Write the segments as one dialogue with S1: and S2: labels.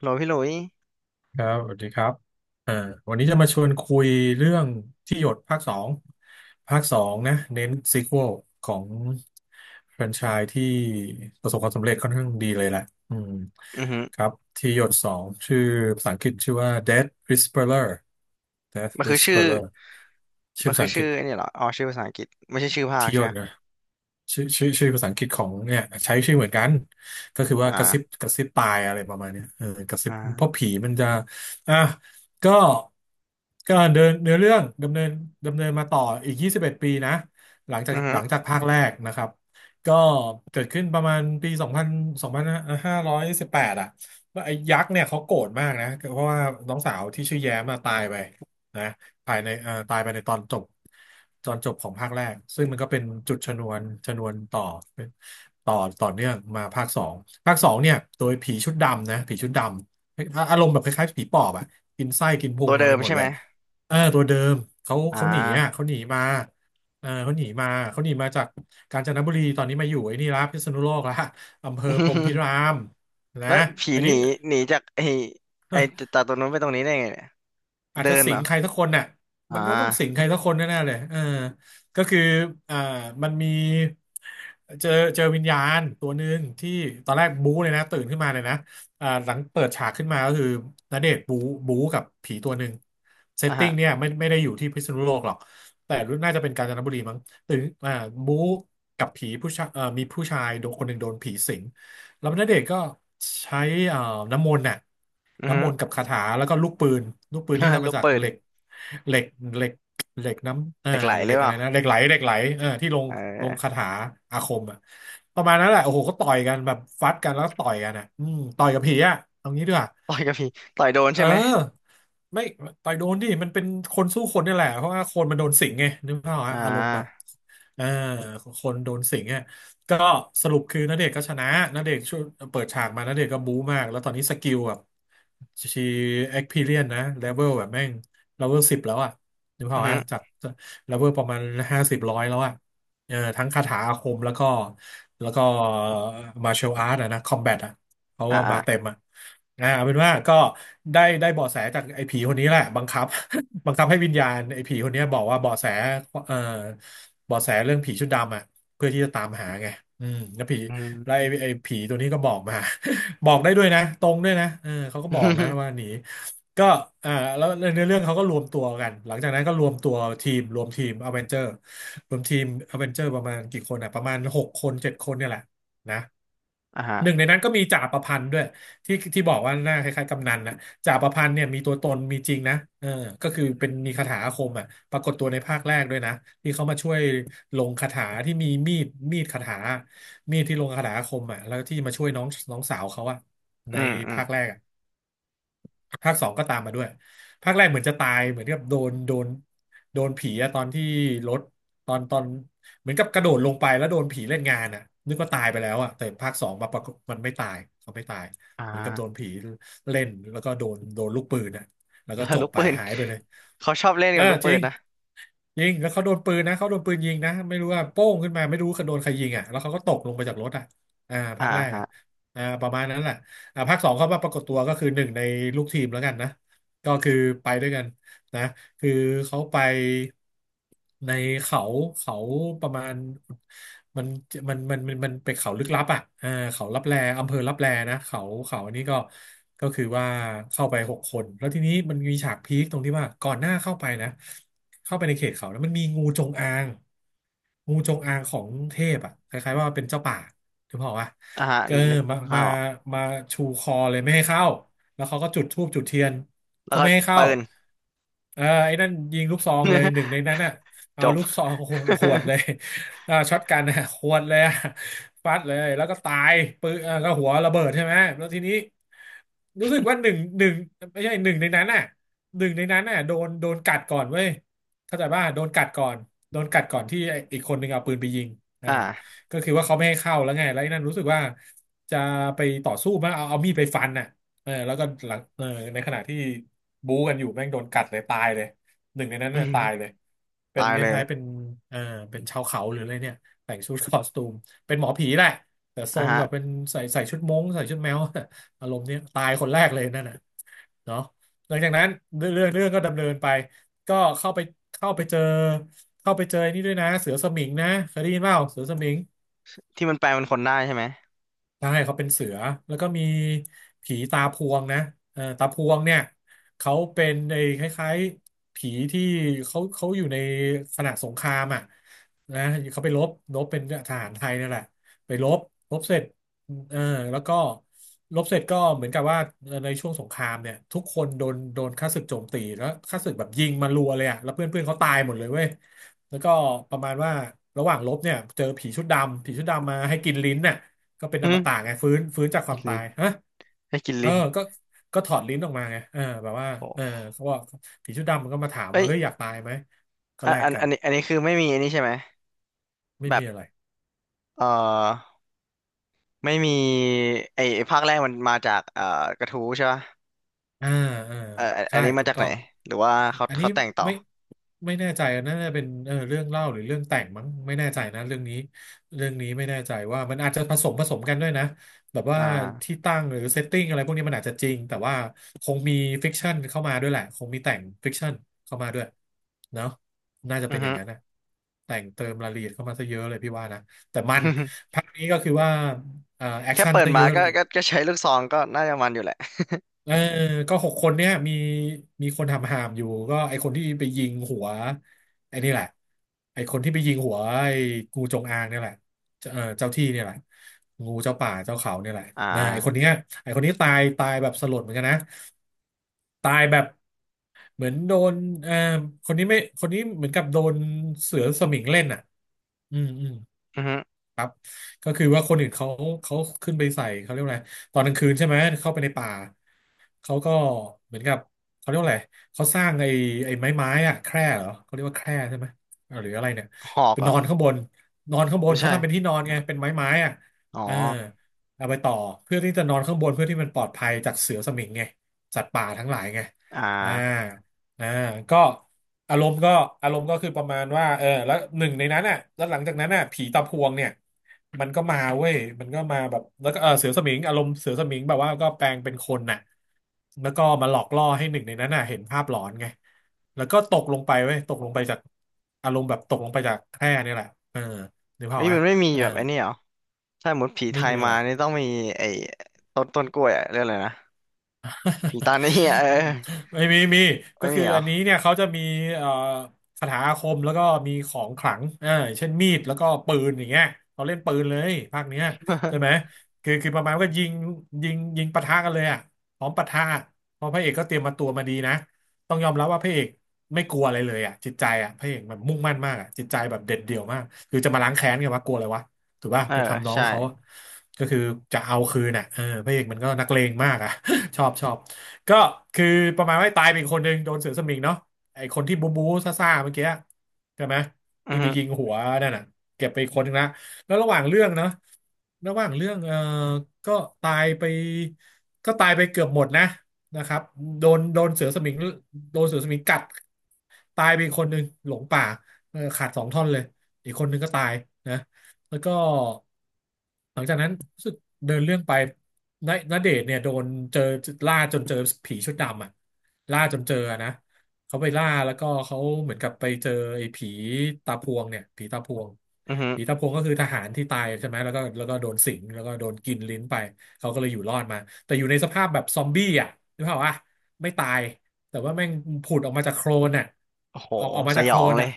S1: โหลพี่หลุย
S2: ครับสวัสดีครับอ่าวันนี้จะมาชวนคุยเรื่องที่หยดภาคสองภาคสองนะเน้นซีควอลของแฟรนไชส์ที่ประสบความสำเร็จค่อนข้างดีเลยแหละอืม
S1: อือหือ
S2: ครับที่หยดสองชื่อภาษาอังกฤษชื่อว่า Death Whisperer Death
S1: มันคือชื่อ
S2: Whisperer ชื่อ
S1: มัน
S2: ภา
S1: คื
S2: ษา
S1: อ
S2: อังก
S1: ชื่
S2: ฤ
S1: อ
S2: ษ
S1: ไอ้นี่เหรออ๋อชื่อภาษาอังกฤษไม่ใช่ชื่อภาค
S2: ที่หย
S1: ใช่ไห
S2: ด
S1: ม
S2: นะ ชื่อภาษาอังกฤษของเนี่ยใช้ชื่อเหมือนกันก็คือว่ากระซิบ
S1: อ่า
S2: กระซิบตายอะไรประมาณเนี้ยเออกระซิบเพราะ
S1: อ่า
S2: ผีมันจะอ่ะก็ก็เดินเนื้อเรื่องดำเนินมาต่ออีก21ปีนะหลังจาก
S1: อือหื
S2: ห
S1: อ
S2: ลังจากภาคแรกนะครับก็เกิดขึ้นประมาณปี2ันสองพันห้5 1 8อยสิบแปดอ่ะว่าไอ้ยักษ์เนี่ยเขาโกรธมากนะเพราะว่าน้องสาวที่ชื่อแย้มมาตายไปนะ ภายในตายไปในตอนจบตอนจบของภาคแรกซึ่งมันก็เป็นจุดชนวนต่อเป็นต่อต่อเนื่องมาภาคสองภาคสองเนี่ยโดยผีชุดดำนะผีชุดดำอาอารมณ์แบบคล้ายๆผีปอบอะกินไส้กินพุ
S1: ตั
S2: ง
S1: ว
S2: อะไร
S1: เดิ
S2: ไป
S1: ม
S2: หมด
S1: ใช่
S2: เล
S1: ไหม
S2: ยเออตัวเดิมเขา
S1: อ่
S2: เขาหนีอ่ะเขา
S1: า
S2: หนีมาเออเขาหนีมาจากกาญจนบุรีตอนนี้มาอยู่ไอ้นี่ละพิษณุโลกละอำเภอพรหมพิ รามนะ
S1: แล้วผี
S2: อัน
S1: ห
S2: นี้
S1: นีหนีจากไอ้ไอ้จากตรงนู้นไปตรงนี้ได้ไงเนี่ย
S2: อาจ
S1: เดิ
S2: จะ
S1: น
S2: สิ
S1: เหร
S2: ง
S1: อ
S2: ใครสักคนน่ะ
S1: อ่
S2: มันต้องสิง
S1: า
S2: ใครสักคนแน่ๆเลยเออก็คืออ่ามันมีเจอเจอวิญญาณตัวหนึ่งที่ตอนแรกบู๊เลยนะตื่นขึ้นมาเลยนะอ่าหลังเปิดฉากขึ้นมาก็คือณเดชน์บู๊บู๊กับผีตัวหนึ่งเซต
S1: อ่า
S2: ติ้
S1: ฮะ
S2: งเนี่ยไม่ได้อยู่ที่พิษณุโลกหรอกแต่รู้น่าจะเป็นกาญจนบุรีมั้งตื่นอ่าบู๊กับผีผู้ชายมีผู้ชายโดนคนหนึ่งโดนผีสิงแล้วณเดชน์ก็ใช้เอ่อน้ำมนต์น่ะ
S1: อือหื
S2: น้ำม
S1: อ
S2: นต์กับคาถาแล้วก็ลูกปืนลูกปืนที่ ทำ
S1: ลู
S2: มา
S1: ก
S2: จาก
S1: ปืน
S2: เหล็กเหล็กเหล็กเหล็กน้ำเออ
S1: เหล็กไหลห
S2: เห
S1: รื
S2: ล็
S1: อ
S2: ก
S1: เป
S2: อะไร
S1: ล่า
S2: นะเหล็กไหลเออที่
S1: เอ
S2: ลงคา
S1: อ
S2: ถาอาคมอ่ะประมาณนั้นแหละโอ้โหก็ต่อยกันแบบฟัดกันแล้วก็ต่อยกันอ่ะอืมต่อยกับผีอ่ะเอางี้ด้วย
S1: ต่อยกับผีต่อยโดน
S2: เ
S1: ใช่ไหม
S2: ออไม่ต่อยโดนดิมันเป็นคนสู้คนนี่แหละเพราะว่าคนมันโดนสิงไงนึกภาพออก
S1: อ่
S2: ฮะอารมณ์แบบ
S1: า
S2: เออคนโดนสิงอ่ะก็สรุปคือณเดชน์ก็ชนะณเดชน์ช่วยเปิดฉากมาณเดชน์ก็บู๊มากแล้วตอนนี้สกิลแบบชีเอ็กพีเรียนนะเลเวลแบบแม่งเลเวลสิบแล้วอ่ะนึกภาพ
S1: อือ
S2: ออก
S1: หือ
S2: ฮะจากเลเวลประมาณห้าสิบร้อยแล้วอ่ะเออทั้งคาถาอาคมแล้วก็แล้วก็มาร์เชลอาร์ตนะคอมแบท เพราะ
S1: อ่า
S2: ว่า
S1: อ่า
S2: มาเต็มอ่ะอ่าเอาเป็นว่าก็ได้เบาะแสจากไอ้ผีคนนี้แหละบังคับ บังคับให้วิญญาณไอ้ผีคนเนี้ยบอกว่าเบาะแสเอ่อเบาะแสเรื่องผีชุดดำอ่ะเพื่อที่จะตามหาไงอืมแล้วผี
S1: อื
S2: แล้วไอ้
S1: ม
S2: ไอ้ผีตัวนี้ก็บอกมา บอกได้ด้วยนะตรงด้วยนะเออเขาก็บอกนะว่าหนี ก็อ่าแล้วในเรื่องเขาก็รวมตัวกันหลังจากนั้นก็รวมตัวทีมรวมทีมอเวนเจอร์รวมทีมอเวนเจอร์ประมาณกี่คนอ่ะประมาณหกคนเจ็ดคนเนี่ยแหละ นะ
S1: อ่า
S2: หนึ่งใน
S1: ฮะ
S2: นั้นก็มีจ่าประพันธ์ด้วยที่บอกว่าหน้าคล้ายๆกำนันนะจ่าประพันธ์เนี่ยมีตัวตนมีจริงนะเออก็คือเป็นมีคาถาอาคมอ่ะปรากฏตัวในภาคแรกด้วยนะที่เขามาช่วยลงคาถาที่มีมีดมีดคาถามีดที่ลงคาถาอาคมอ่ะแล้วที่มาช่วยน้องน้องสาวเขาอ่ะ
S1: อื
S2: ใน
S1: มอืม
S2: ภาคแรกอะ ภาคสองก็ตามมาด้วยภาคแรกเหมือนจะตายเหมือนกับโดนผีอะตอนที่รถตอนเหมือนกับกระโดดลงไปแล้วโดนผีเล่นงานอะนึกว่าตายไปแล้วอะแต่ภาคสองมาปรากฏมันไม่ตายเขาไม่ตาย
S1: อ่า
S2: เหมือนกับโดนผีเล่นแล้วก็โดนลูกปืนอะแล้วก็
S1: ล้
S2: จบ
S1: ลูก
S2: ไป
S1: ปืน
S2: หายไปเลย
S1: เขาชอบเล่น
S2: เอ
S1: กั
S2: อ
S1: บลูก
S2: จ
S1: ปื
S2: ริ
S1: น
S2: ง
S1: นะ
S2: ยิงแล้วเขาโดนปืนนะเขาโดนปืนยิงนะไม่รู้ว่าโป้งขึ้นมาไม่รู้เขาโดนใครยิงอ่ะแล้วเขาก็ตกลงไปจากรถอ่ะอ่า
S1: อ่า
S2: ภาคแรกอ่ะ
S1: ฮะ
S2: อ่าประมาณนั้นแหละ ภาคสองเข้ามาปรากฏตัวก็คือหนึ่งในลูกทีมแล้วกันนะก็คือไปด้วยกันนะคือเขาไปในเขาเขาประมาณมันมันเป็นเขาลึกลับอ่ะเขาลับแลอำเภอลับแลนะเขาเขาอันนี้ก็ก็คือว่าเข้าไปหกคนแล้วทีนี้มันมีฉากพีคตรงที่ว่าก่อนหน้าเข้าไปนะเข้าไปในเขตเขาแล้วมันมีงูจงอางงูจงอางของเทพอ่ะคล้ายๆว่าเป็นเจ้าป่า ถึงบอกว่า
S1: อ่าฮะ
S2: เออ
S1: นึก
S2: มา
S1: ข้า
S2: มา
S1: วออก
S2: มาชูคอเลยไม่ให้เข้า แล้วเขาก็จุดธูปจุดเทียน
S1: แล้
S2: ก็
S1: วก็
S2: ไม่ให้เข้า
S1: ปืน
S2: เออไอ้นั่นยิงลูกซองเลย หนึ่งในนั้นอ่ะ
S1: จ
S2: เอา
S1: บ
S2: ลูกซอง หวดเลย ช็อตกันอ่ะหวดเลยอ่ะฟัดเลยแล้วก็ตายปืนอ่าก็หัวระเบิดใช่ไหมแล้วทีนี้รู้สึกว่าหนึ่งไม่ใช่หนึ่งในนั้นอ่ะหนึ่งในนั้นอ่ะโดนกัดก่อนเว้ยเข้าใจป่ะโดนกัดก่อนโดนกัดก่อนที่ไอ้อีกคนหนึ่งเอาปืนไปยิงอ่า
S1: อ่า
S2: ก็คือว่าเขาไม่ให้เข้าแล้วไงแล้วไอ้นั่นรู้สึกว่าจะไปต่อสู้มั้งเอามีดไปฟันน่ะเออแล้วก็หลังเออในขณะที่บู๊กันอยู่แม่งโดนกัดเลยตายเลยหนึ่งในนั้น
S1: อื
S2: เนี่ยตายเล
S1: ม
S2: ยเป็น
S1: ตาย
S2: ค
S1: เลย
S2: ล้ายๆเป็นเออเป็นชาวเขาหรืออะไรเนี่ยแต่งชุดคอสตูมเป็นหมอผีแหละแต่ทร
S1: อ่ะ
S2: ง
S1: ฮะ
S2: แบบเป็นใส่ชุดม้งใส่ชุดแมว อารมณ์เนี้ยตายคนแรกเลยนั่นน่ะเนาะหลังจากนั้นเรื่องก็ดำเนินไปก็เข้าไปเข้าไปเจอเข้าไปเจอไอ้นี่ด้วยนะเสือสมิงนะเคยได้ยินเปล่าเสือสมิง
S1: ที่มันแปลเป็นคนได้ใช่ไหม
S2: ใช่เขาเป็นเสือแล้วก็มีผีตาพวงนะเออตาพวงเนี่ยเขาเป็นไอ้คล้ายๆผีที่เขาเขาอยู่ในขณะสงครามอ่ะนะเขาไปรบรบเป็นทหารไทยนั่นแหละไปรบรบเสร็จเออแล้วก็รบเสร็จก็เหมือนกับว่าในช่วงสงครามเนี่ยทุกคนโดนข้าศึกโจมตีแล้วข้าศึกแบบยิงมารัวเลยอ่ะแล้วเพื่อนเพื่อนเขาตายหมดเลยเว้ยแล้วก็ประมาณว่าระหว่างรบเนี่ยเจอผีชุดดำผีชุดดำมาให้กินลิ้นน่ะ ก็เป็นอ
S1: หึ
S2: มตะไงฟื้นจากค
S1: กิ
S2: วา
S1: น
S2: มตา
S1: ลิ้น
S2: ยฮะ
S1: ให้กิน
S2: เออ
S1: ลิ้น
S2: ก็ก็ถอดลิ้นออกมาไงเออแบบว่า
S1: โอ
S2: เออ
S1: ้
S2: เขาบอกผีชุดดำมันก็มาถาม
S1: เอ้
S2: ว่า
S1: ย
S2: เฮ้ยอยากตายไหมก็
S1: อัน
S2: แลกกัน
S1: นี้อันนี้คือไม่มีอันนี้ใช่ไหม
S2: ไม่
S1: แบ
S2: มี
S1: บ
S2: อะไร
S1: เอ่อไม่มีไอ้ไอ้ภาคแรกมันมาจากกระทู้ใช่ป่ะ
S2: อ่าอ่า
S1: อันอั
S2: ใช่
S1: นนี้มา
S2: ถูก
S1: จากไห
S2: ต้อ
S1: น
S2: ง
S1: หรือว่าเขา
S2: อันนี้
S1: เขาแต่งต่อ
S2: ไม่ไม่แน่ใจน่าจะเป็นเออเรื่องเล่าหรือเรื่องแต่งมั้งไม่แน่ใจนะเรื่องนี้เรื่องนี้ไม่แน่ใจว่ามันอาจจะผสมกันด้วยนะแบบว่า
S1: อ่า
S2: ที่ตั้งหรือเซตติ้งอะไรพวกนี้มันอาจจะจริงแต่ว่าคงมีฟิกชันเข้ามาด้วยแหละคงมีแต่งฟิกชันเข้ามาด้วยเนาะน่าจะ
S1: อื
S2: เป็
S1: อ
S2: นอย่า
S1: ฮึ
S2: งนั้นนะแต่งเติมรายละเอียดเข้ามาซะเยอะเลยพี่ว่านะแต่มันภาคนี้ก็คือว่า
S1: แค่เปิด
S2: ซะ
S1: มา
S2: เยอะ
S1: ก็
S2: เลย
S1: ก็ก็ใช้ลูกซองก็น่าจะมันอยู่แหละ
S2: เออก็หกคนเนี่ยมีมีคนทำหามอยู่ก็ไอคนที่ไปยิงหัวไอนี่แหละไอคนที่ไปยิงหัวไองูจงอางเนี่ยแหละเจ้าเออเจ้าที่เนี่ยแหละงูเจ้าป่าเจ้าเขาเนี่ยแหละ
S1: อ่
S2: นะไอคน
S1: า
S2: เนี้ยไอคนนี้ตายแบบสลดเหมือนกันนะตายแบบเหมือนโดนเออคนนี้ไม่คนนี้เหมือนกับโดนเสือสมิงเล่นอ่ะอืม
S1: อือฮึ
S2: ก็คือว่าคนอื่นเขาเขาขึ้นไปใส่เขาเรียกว่าอะไรตอนกลางคืนใช่ไหมเข้าไปในป่าเขาก็เหมือนกับเขาเรียกว่าอะไรเขาสร้างไอ้ไม้อะแคร่เหรอเขาเรียกว่าแคร่ใช่ไหมหรืออะไรเนี่ย
S1: หอก
S2: เป็น
S1: เหร
S2: น
S1: อ
S2: อนข้างบนนอนข้างบน
S1: ไม่
S2: เขา
S1: ใช่
S2: ทำเป็นที่นอนไงเป็นไม้อะ
S1: อ๋อ
S2: เออเอาไปต่อเพื่อที่จะนอนข้างบนเพื่อที่มันปลอดภัยจากเสือสมิงไงสัตว์ป่าทั้งหลายไง
S1: อ่
S2: อ่า
S1: า
S2: อ่าก็อารมณ์ก็อารมณ์ก็คือประมาณว่าเออแล้วหนึ่งในนั้นอ่ะแล้วหลังจากนั้นอ่ะผีตาพวงเนี่ยมันก็มาเว้ยมันก็มาแบบแล้วก็เออเสือสมิงอารมณ์เสือสมิงแบบว่าก็แปลงเป็นคนน่ะแล้วก็มาหลอกล่อให้หนึ่งในนั้นน่ะเห็นภาพหลอนไงแล้วก็ตกลงไปเว้ยตกลงไปจากอารมณ์แบบตกลงไปจากแคร่เนี่ยแหละเออนึกภาพ
S1: เฮ้
S2: อ
S1: ย
S2: อกไหม
S1: มันไม่มี
S2: เออ
S1: แบบไอ้นี่เหรอถ้าหมดผีไท
S2: ไม่
S1: ย
S2: มีอะ
S1: มา
S2: ไร
S1: นี่ต้องมีไอ้ต้นต้นกล้วยอะเรื่องอะไรนะผีตานี่อะเออ
S2: ไม่มีมี
S1: ไม่
S2: ก็
S1: มี
S2: คือ
S1: เหรอ
S2: อันนี้เนี่ยเขาจะมีเอ่อคาถาอาคมแล้วก็มีของขลังเออเช่นมีดแล้วก็ปืนอย่างเงี้ยเขาเล่นปืนเลยภาคเนี้ยใช่ไหม คือประมาณว่าก็ยิงยิงปะทะกันเลยอ่ะพร้อมปะทะเพราะพระเอกก็เตรียมมาตัวมาดีนะต้องยอมรับว่าพระเอกไม่กลัวอะไรเลยอ่ะจิตใจอ่ะพระเอกมันมุ่งมั่นมากอ่ะจิตใจแบบเด็ดเดี่ยวมากคือจะมาล้างแค้นกันวะกลัวอะไรวะถูกป่ะ
S1: เออ
S2: ไปทำน้อง
S1: ใช่
S2: เขาก็คือจะเอาคืนอ่ะเออพระเอกมันก็นักเลงมากอ่ะ ชอบ ก็คือประมาณว่าตายเป็นคนหนึ่งโดนเสือสมิงเนาะไอคนที่บูบูซ่าๆเมื่อกี้ใช่ไหม
S1: อือ
S2: ที่ไป
S1: ฮึ
S2: ยิงหัวนั่นน่ะเก็บไปคนหนึงละแล้วระหว่างเรื่องเนาะระหว่างเรื่องเออก็ตายไปก็ตายไปเกือบหมดนะนะครับโดนเสือสมิงโดนเสือสมิงกัดตายไปอีกคนหนึ่งหลงป่าเออขาดสองท่อนเลยอีกคนหนึ่งก็ตายนะ แล้วก็หลังจากนั้นรู้สึกเดินเรื่องไปณเดชน์เนี่ยโดนเจอล่าจนเจอผีชุดดำอ่ะล่าจนเจอนะเขาไปล่าแล้วก็เขาเหมือนกับไปเจอไอ้ผีตาพวงเนี่ยผีตาพวง
S1: อือฮึ
S2: ผีตาพวงก็คือทหารที่ตายใช่ไหมแล้วก็โดนสิงแล้วก็โดนกินลิ้นไปเขาก็เลยอยู่รอดมาแต่อยู่ในสภาพแบบซอมบี้อ่ะนึกภาพว่าไม่ตาย แต่ว่าแม่งผุดออกมาจากโคลนอ่ะ
S1: โอ้โห
S2: ออกมา
S1: ส
S2: จาก
S1: ย
S2: โค
S1: อ
S2: ล
S1: ง
S2: น
S1: เลย
S2: อ่ะ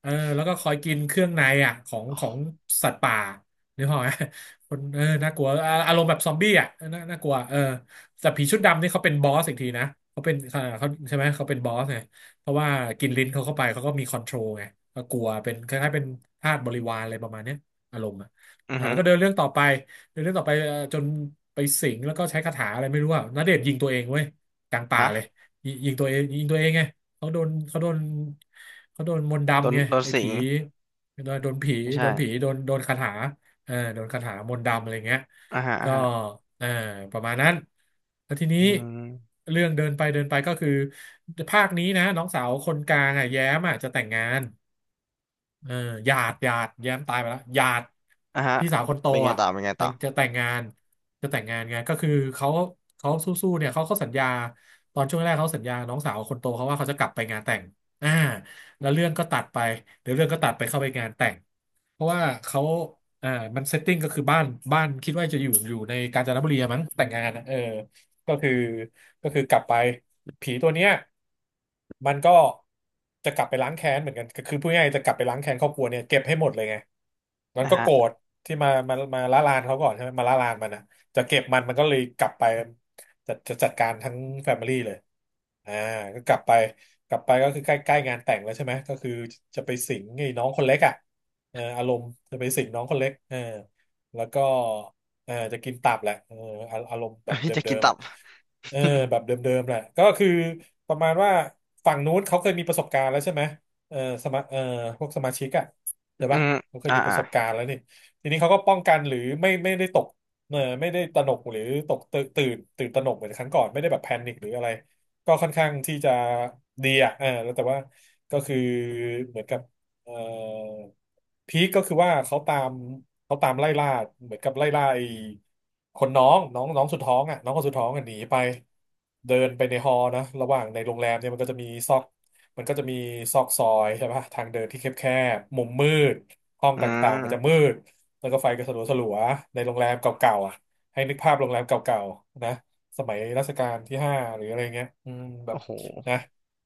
S2: เออแล้วก็คอยกินเครื่องในอ่ะของ
S1: โอ้
S2: สัตว์ป่านึกออกไหมคนเออน่ากลัวอารมณ์แบบซอมบี้อ่ะน่ากลัวเออแต่ผีชุดดำนี่เขาเป็นบอสอีกทีนะเขาเป็นเขาใช่ไหมเขาเป็นบอสไงเพราะว่ากินลิ้นเขาเข้าไปเขาก็มีคอนโทรลไงก็กลัวเป็นคล้ายๆเป็นทาสบริวารอะไรประมาณเนี้ยอารมณ์อ่ะ
S1: อือ
S2: อ่า
S1: ฮึ
S2: แล้วก็เดินเรื่องต่อไปเดินเรื่องต่อไปจนไปสิงแล้วก็ใช้คาถาอะไรไม่รู้อ่ะณเดชน์ยิงตัวเองเว้ยกลางป่า
S1: ฮะ
S2: เลย ยิงตัวเองยิงตัวเองไงเขาโดนเขาโดนมนต์
S1: โดน
S2: ดำไง
S1: โดน
S2: ไอ้
S1: สิง
S2: ผีโดนผี
S1: ไม่
S2: โด
S1: ใช่
S2: นผีโดนโดนคาถาเออโดนคาถามนต์ดำอะไรเงี้ย
S1: อ่าฮะอ่า
S2: ก็
S1: ฮะ
S2: เออประมาณนั้นแล้วทีนี้
S1: อืม
S2: เรื่องเดินไปก็คือภาคนี้นะน้องสาวคนกลางอ่ะแย้มอ่ะจะแต่งงาน เออหยาดแย้มตายไปแล้วหยาด
S1: อ่าฮะ
S2: พี่สาวคนโต
S1: เป็นไง
S2: อ่ะ
S1: ต่อเป็นไง
S2: แต่
S1: ต่อ
S2: งจะแต่งงานจะแต่งงานไงก็คือเขาเขาสู้ๆเนี่ยเขาสัญญาตอนช่วงแรกเขาสัญญาน้องสาวคนโตเขาว่าเขาจะกลับไปงานแต่งอ่าแล้วเรื่องก็ตัดไปเดี๋ยวเรื่องก็ตัดไปเข้าไปงานแต่งเพราะว่าเขาอ่ามันเซตติ้งก็คือบ้านบ้านคิดว่าจะอยู่ในกาญจนบุรีอะมั้งแต่งงานอะเออ ก็คือก็คือกลับไปผีตัวเนี้ยมันก็จะกลับไปล้างแค้นเหมือนกันก็คือพูดง่ายๆจะกลับไปล้างแค้นครอบครัวเนี่ยเก็บให้หมดเลยไงมัน
S1: อ่า
S2: ก็
S1: ฮะ
S2: โกรธที่มามาละลานเขาก่อนใช่ไหมมาละลานมันนะจะเก็บมันมันก็เลยกลับไปจะจัดการทั้งแฟมิลี่เลยอ่าก็กลับไปกลับไปก็คือใกล้ใกล้งานแต่งแล้วใช่ไหมก็คือจะไปสิงไอ้น้องคนเล็กอ่ะเอออารมณ์จะไปสิงน้องคนเล็กเออแล้วก็ เออจะกินตับแหละเอออารมณ์ แบบ
S1: เฮ้ยจะ
S2: เดิ
S1: กิน
S2: ม
S1: ตั
S2: ๆอ่ะ
S1: บ
S2: เออ
S1: อื
S2: แบบเดิมๆแหละก็คือประมาณว่าฝั่งนู้นเขาเคยมีประสบการณ์แล้วใช่ไหมเออสมาเออพวกสมาชิกอ่ะเดี๋ยว
S1: อ
S2: ปะเขาเคย
S1: อ่า
S2: มีป
S1: อ่า
S2: ระสบการณ์แล้วนี่ทีนี้เขาก็ป้องกันหรือไม่ได้ตกเออไม่ได้ตระหนกหรือตกตื่นตระหนกเหมือนครั้งก่อนไม่ได้แบบแพนิคหรืออะไรก็ค่อนข้างที่จะดีอ่ะเออแล้วแต่ว่าก็คือเหมือนกับเอ่อพีคก็คือว่าเขาตาม เขาตามไล่ล่าเหมือนกับไล่ล่าไอ้คนน้องน้องน้องสุดท้องอ่ะน้องคนสุดท้องอ่ะหนีไปเดินไปในฮอลล์นะระหว่างในโรงแรมเนี่ยมันก็จะมีซอกมันก็จะมีซอกซอยใช่ปะทางเดินที่แคบๆมุมมืดห้อง
S1: อื
S2: ต่างๆมันจะมื
S1: ม
S2: ดแล้วก็ไฟก็สลัวๆในโรงแรมเก่าๆอ่ะให้นึกภาพโรงแรมเก่าๆนะสมัยรัชกาลที่ห้าหรืออะไรเงี้ยอืมแบ
S1: โอ้
S2: บ
S1: โห
S2: นะ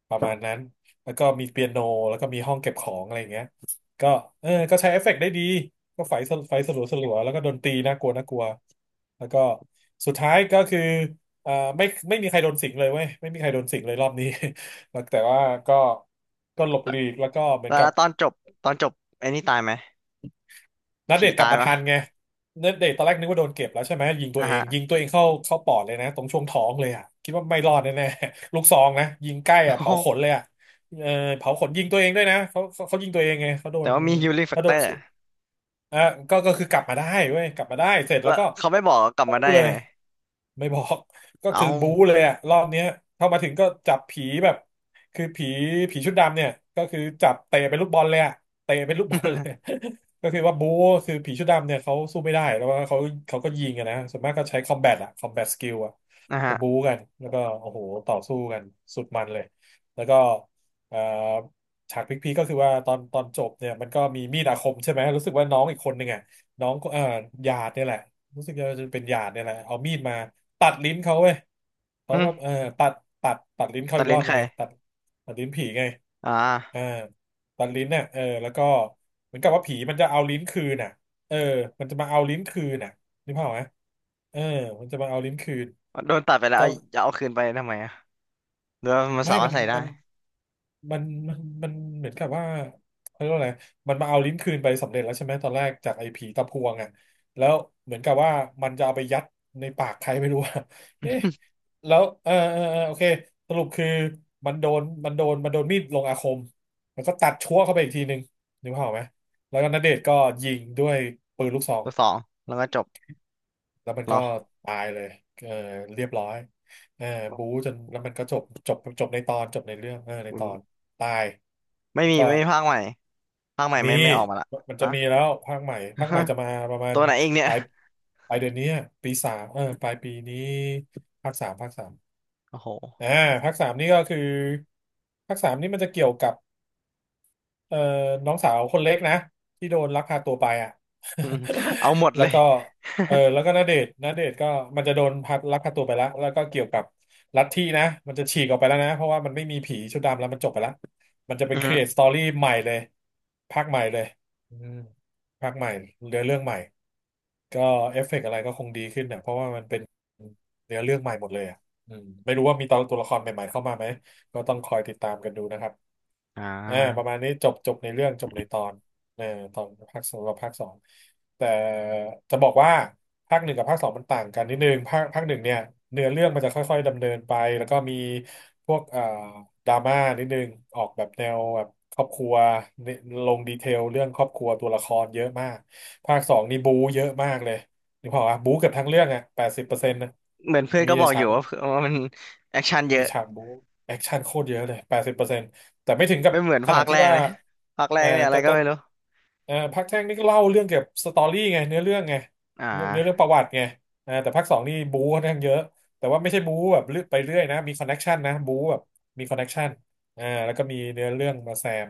S2: ประมาณนั้นแล้วก็มีเปียโนแล้วก็มีห้องเก็บของอะไรอย่างเงี้ยก็เออก็ใช้เอฟเฟกต์ได้ดี ก็ไฟสลัวสลัวแล้วก็โดนตีน่ากลัวน่ากลัวแล้วก็สุดท้ายก็คือเอ่อไม่ไม่มีใครโดนสิงเลยเว้ยไม่มีใครโดนสิงเลยรอบนี้ แล้วแต่ว่าก็หลบ
S1: แล้
S2: หลีกแล้วก็เหมือน
S1: ว
S2: กั
S1: แล้
S2: บ
S1: วตอนจบตอนจบไอ้นี่ตายไหม
S2: นัดเด
S1: ผี
S2: ทก
S1: ตา
S2: ลับ
S1: ย
S2: มา
S1: ปะ
S2: ทันไงนัดเดทตอนแรกนึกว่าโดนเก็บแล้วใช่ไหมยิงตั
S1: อ่า
S2: วเอง
S1: ฮะ
S2: ยิงตัวเอ งเข้าปอดเลยนะตรงช่วงท้องเลยอ่ะคิดว่าไม่รอดแน่ๆลูกซองนะยิงใกล้
S1: โอ้
S2: อ่ะ
S1: โห
S2: เผาขนเลยอ่ะเออเผาขนยิงตัวเองด้วยนะเขายิงตัวเองไงเขาโด
S1: แต่
S2: น
S1: ว่ามีฮิลลิ่งแฟ
S2: เขา
S1: ก
S2: โด
S1: เตอ
S2: น
S1: ร์
S2: สิง อ่ะก็คือกลับมาได้เว้ยกลับมาได้เสร็จแล้
S1: แล้
S2: ว
S1: ว
S2: ก็
S1: เขาไม่บอกกลับ
S2: บู๊
S1: มาได้
S2: เล
S1: ยัง
S2: ย
S1: ไง
S2: ไม่บอก ก็
S1: เอา
S2: คือบู๊เลยอะรอบเนี้ยเข้ามาถึงก็จับผีแบบคือผีผีชุดดำเนี่ยก็คือจับเตะเป็นลูกบอลเลยอะเตะเป็นลูกบอลเลย ก็คือว่าบู๊คือผีชุดดำเนี่ยเขาสู้ไม่ได้แล้วว่าเขาเขาก็ยิงอะนะส่วนมากก็ใช้คอมแบทอะคอมแบทสกิลอะ
S1: นะ
S2: ก็
S1: ฮะ
S2: บู๊กันแล้วก็โอ้โหต่อสู้กันสุดมันเลยแล้วก็เอ่อ ฉากพีคๆก็คือว่าตอนจบเนี่ยมันก็มีมีดอาคมใช่ไหมรู้สึกว่าน้องอีกคนหนึ่งอ่ะน้องก็หยาดเนี่ยแหละรู้สึกจะเป็นหยาดเนี่ยแหละเอามีดมาตัดลิ้นเขาเว้ยเขา
S1: อืม
S2: ก็เออตัดตัดลิ้นเขา
S1: ตั
S2: อี
S1: ด
S2: กร
S1: ลิ้
S2: อ
S1: น
S2: บห
S1: ใค
S2: นึ
S1: ร
S2: งไงตัดตัดลิ้นผีไง
S1: อ่
S2: เออ
S1: า
S2: ตัดลิ้นเนี่ยเออแล้วก็เหมือนกับว่าผีมันจะเอาลิ้นคืนน่ะเออมันจะมาเอาลิ้นคืนน่ะนึกภาพออกไหมเออมันจะมาเอาลิ้นคืน
S1: โดนตัดไปแล้ว
S2: ก็
S1: เอาจะเอาคืนไปทำไมอ่ะหรือว่ามัน
S2: ไม่
S1: สามารถใส่ได้
S2: มัน มันมันมันเหมือนกับว่าเขาเรียกว่าอะไรมันมาเอาลิ้นคืนไปสำเร็จแล้วใช่ไหมตอนแรกจากไอ้ผีตะพวงอ่ะแล้วเหมือนกับว่ามันจะเอาไปยัดในปากใครไม่รู้อะ เอ๊ะแล้วเออโอเคสรุปคือมันโดนมีดลงอาคมแล้วก็ตัดชั่วเข้าไปอีกทีหนึ่งนึกภาพออกไหมแล้วก็ณเดชน์ก็ยิงด้วยปืนลูกซอง
S1: ตัวสองแล้วก็จบ
S2: แล้วมัน
S1: เหร
S2: ก็
S1: อ
S2: ตายเลยเออเรียบร้อยเออ
S1: ขอบ
S2: บู๊จนแล้วมันก็จบจบจบในตอนจบในเรื่องเออใน
S1: คุ
S2: ต
S1: ณ
S2: อนตาย
S1: ไม่มี
S2: ก็
S1: ไม่มีภาคใหม่ภาคใหม่
S2: มี
S1: ไม่ไม่ออกมาละ
S2: มันจะ
S1: อ่ะ
S2: มีแล้วภาคใหม่ภาคใหม่ จะมาประมาณ
S1: ตัวไหนเองเนี่
S2: ป
S1: ย
S2: ลายปลายเดือนนี้อะปีสามเออปลายปีนี้ภาคสามภาคสาม
S1: โอ้โห
S2: อ่าภาคสามนี่ก็คือภาคสามนี่มันจะเกี่ยวกับ เอ่อน้องสาวคนเล็กนะที่โดนลักพาตัวไปอ่ะ
S1: เอาหมด
S2: แล้
S1: เล
S2: ว
S1: ย
S2: ก็เออ แล้วก็ณเดชน์ณเดชน์ก็มันจะโดนลักพาตัวไปแล้วแล้วก็เกี่ยวกับลัทธินะมันจะฉีกออกไปแล้วนะเพราะว่ามันไม่มีผีชุดดำแล้วมันจบไปแล้วมันจะไป
S1: อืม
S2: create story ใหม่เลยภาคใหม่เลยอืมภาคใหม่เนื้อเรื่องใหม่ก็เอฟเฟกต์อะไรก็คงดีขึ้นเนี่ยเพราะว่ามันเป็นเนื้อเรื่องใหม่หมดเลยอ่ะอืมไม่รู้ว่ามีตัวละครใหม่ๆเข้ามาไหมก็ต้องคอยติดตามกันดูนะครับ
S1: อ่
S2: เอ่าประ
S1: า
S2: มาณนี้จบจบในเรื่องจบในตอนเออตอนภาคสองกับภาคสองแต่จะบอกว่าภาคหนึ่งกับภาคสองมันต่างกันนิดนึงภาคหนึ่งเนี่ยเนื้อเรื่องมันจะค่อยๆดำเนินไปแล้วก็มีพวกดราม่านิดนึงออกแบบแนวแบบครอบครัวเนี่ยลงดีเทลเรื่องครอบครัวตัวละครเยอะมากภาคสองนี่บู๊เยอะมากเลยนึกภาพออกปะบู๊เกือบทั้งเรื่องอ่ะแปดสิบเปอร์เซ็นต์นะ
S1: เหมือนเพื่อน
S2: มี
S1: ก็บ
S2: แต่
S1: อกอ
S2: ฉา
S1: ยู่
S2: ก
S1: ว่าว่ามันแอคชั่นเย
S2: มี
S1: อะ
S2: ฉากบู๊แอคชั่นโคตรเยอะเลยแปดสิบเปอร์เซ็นต์แต่ไม่ถึงกับ
S1: ไม่เหมือน
S2: ข
S1: ภา
S2: นาด
S1: คแร
S2: ที่
S1: ก
S2: ว่า
S1: เลยภาคแรกเนี่ยอะไรก็
S2: แต่
S1: ไม่รู้
S2: ภาคแรกนี่ก็เล่าเรื่องเกี่ยวกับสตอรี่ไงเนื้อเรื่องไง
S1: อ่
S2: เนื้อเรื่อ
S1: า
S2: งประวัติไงอ่าแต่ภาคสองนี่บู๊ค่อนข้างเยอะแต่ว่าไม่ใช่บู๊แบบเลือกไปเรื่อยนะมีคอนเน็กชันนะบู๊แบบมีคอนเน็กชันอ่าแล้วก็มีเนื้อเรื่องมาแซม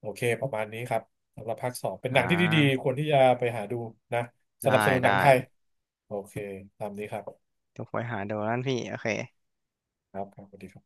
S2: โอเคประมาณนี้ครับสำหรับภาคสองเป็นห
S1: อ่
S2: นังที่ดีๆ
S1: า
S2: ควรที่จะไปหาดูนะส
S1: ได้
S2: นับสนุนห
S1: ได้
S2: นังไทยโอเคตามนี้ครับ
S1: เดี๋ยกไปหาดูนั่นพี่โอเค
S2: ครับครับสวัสดีครับ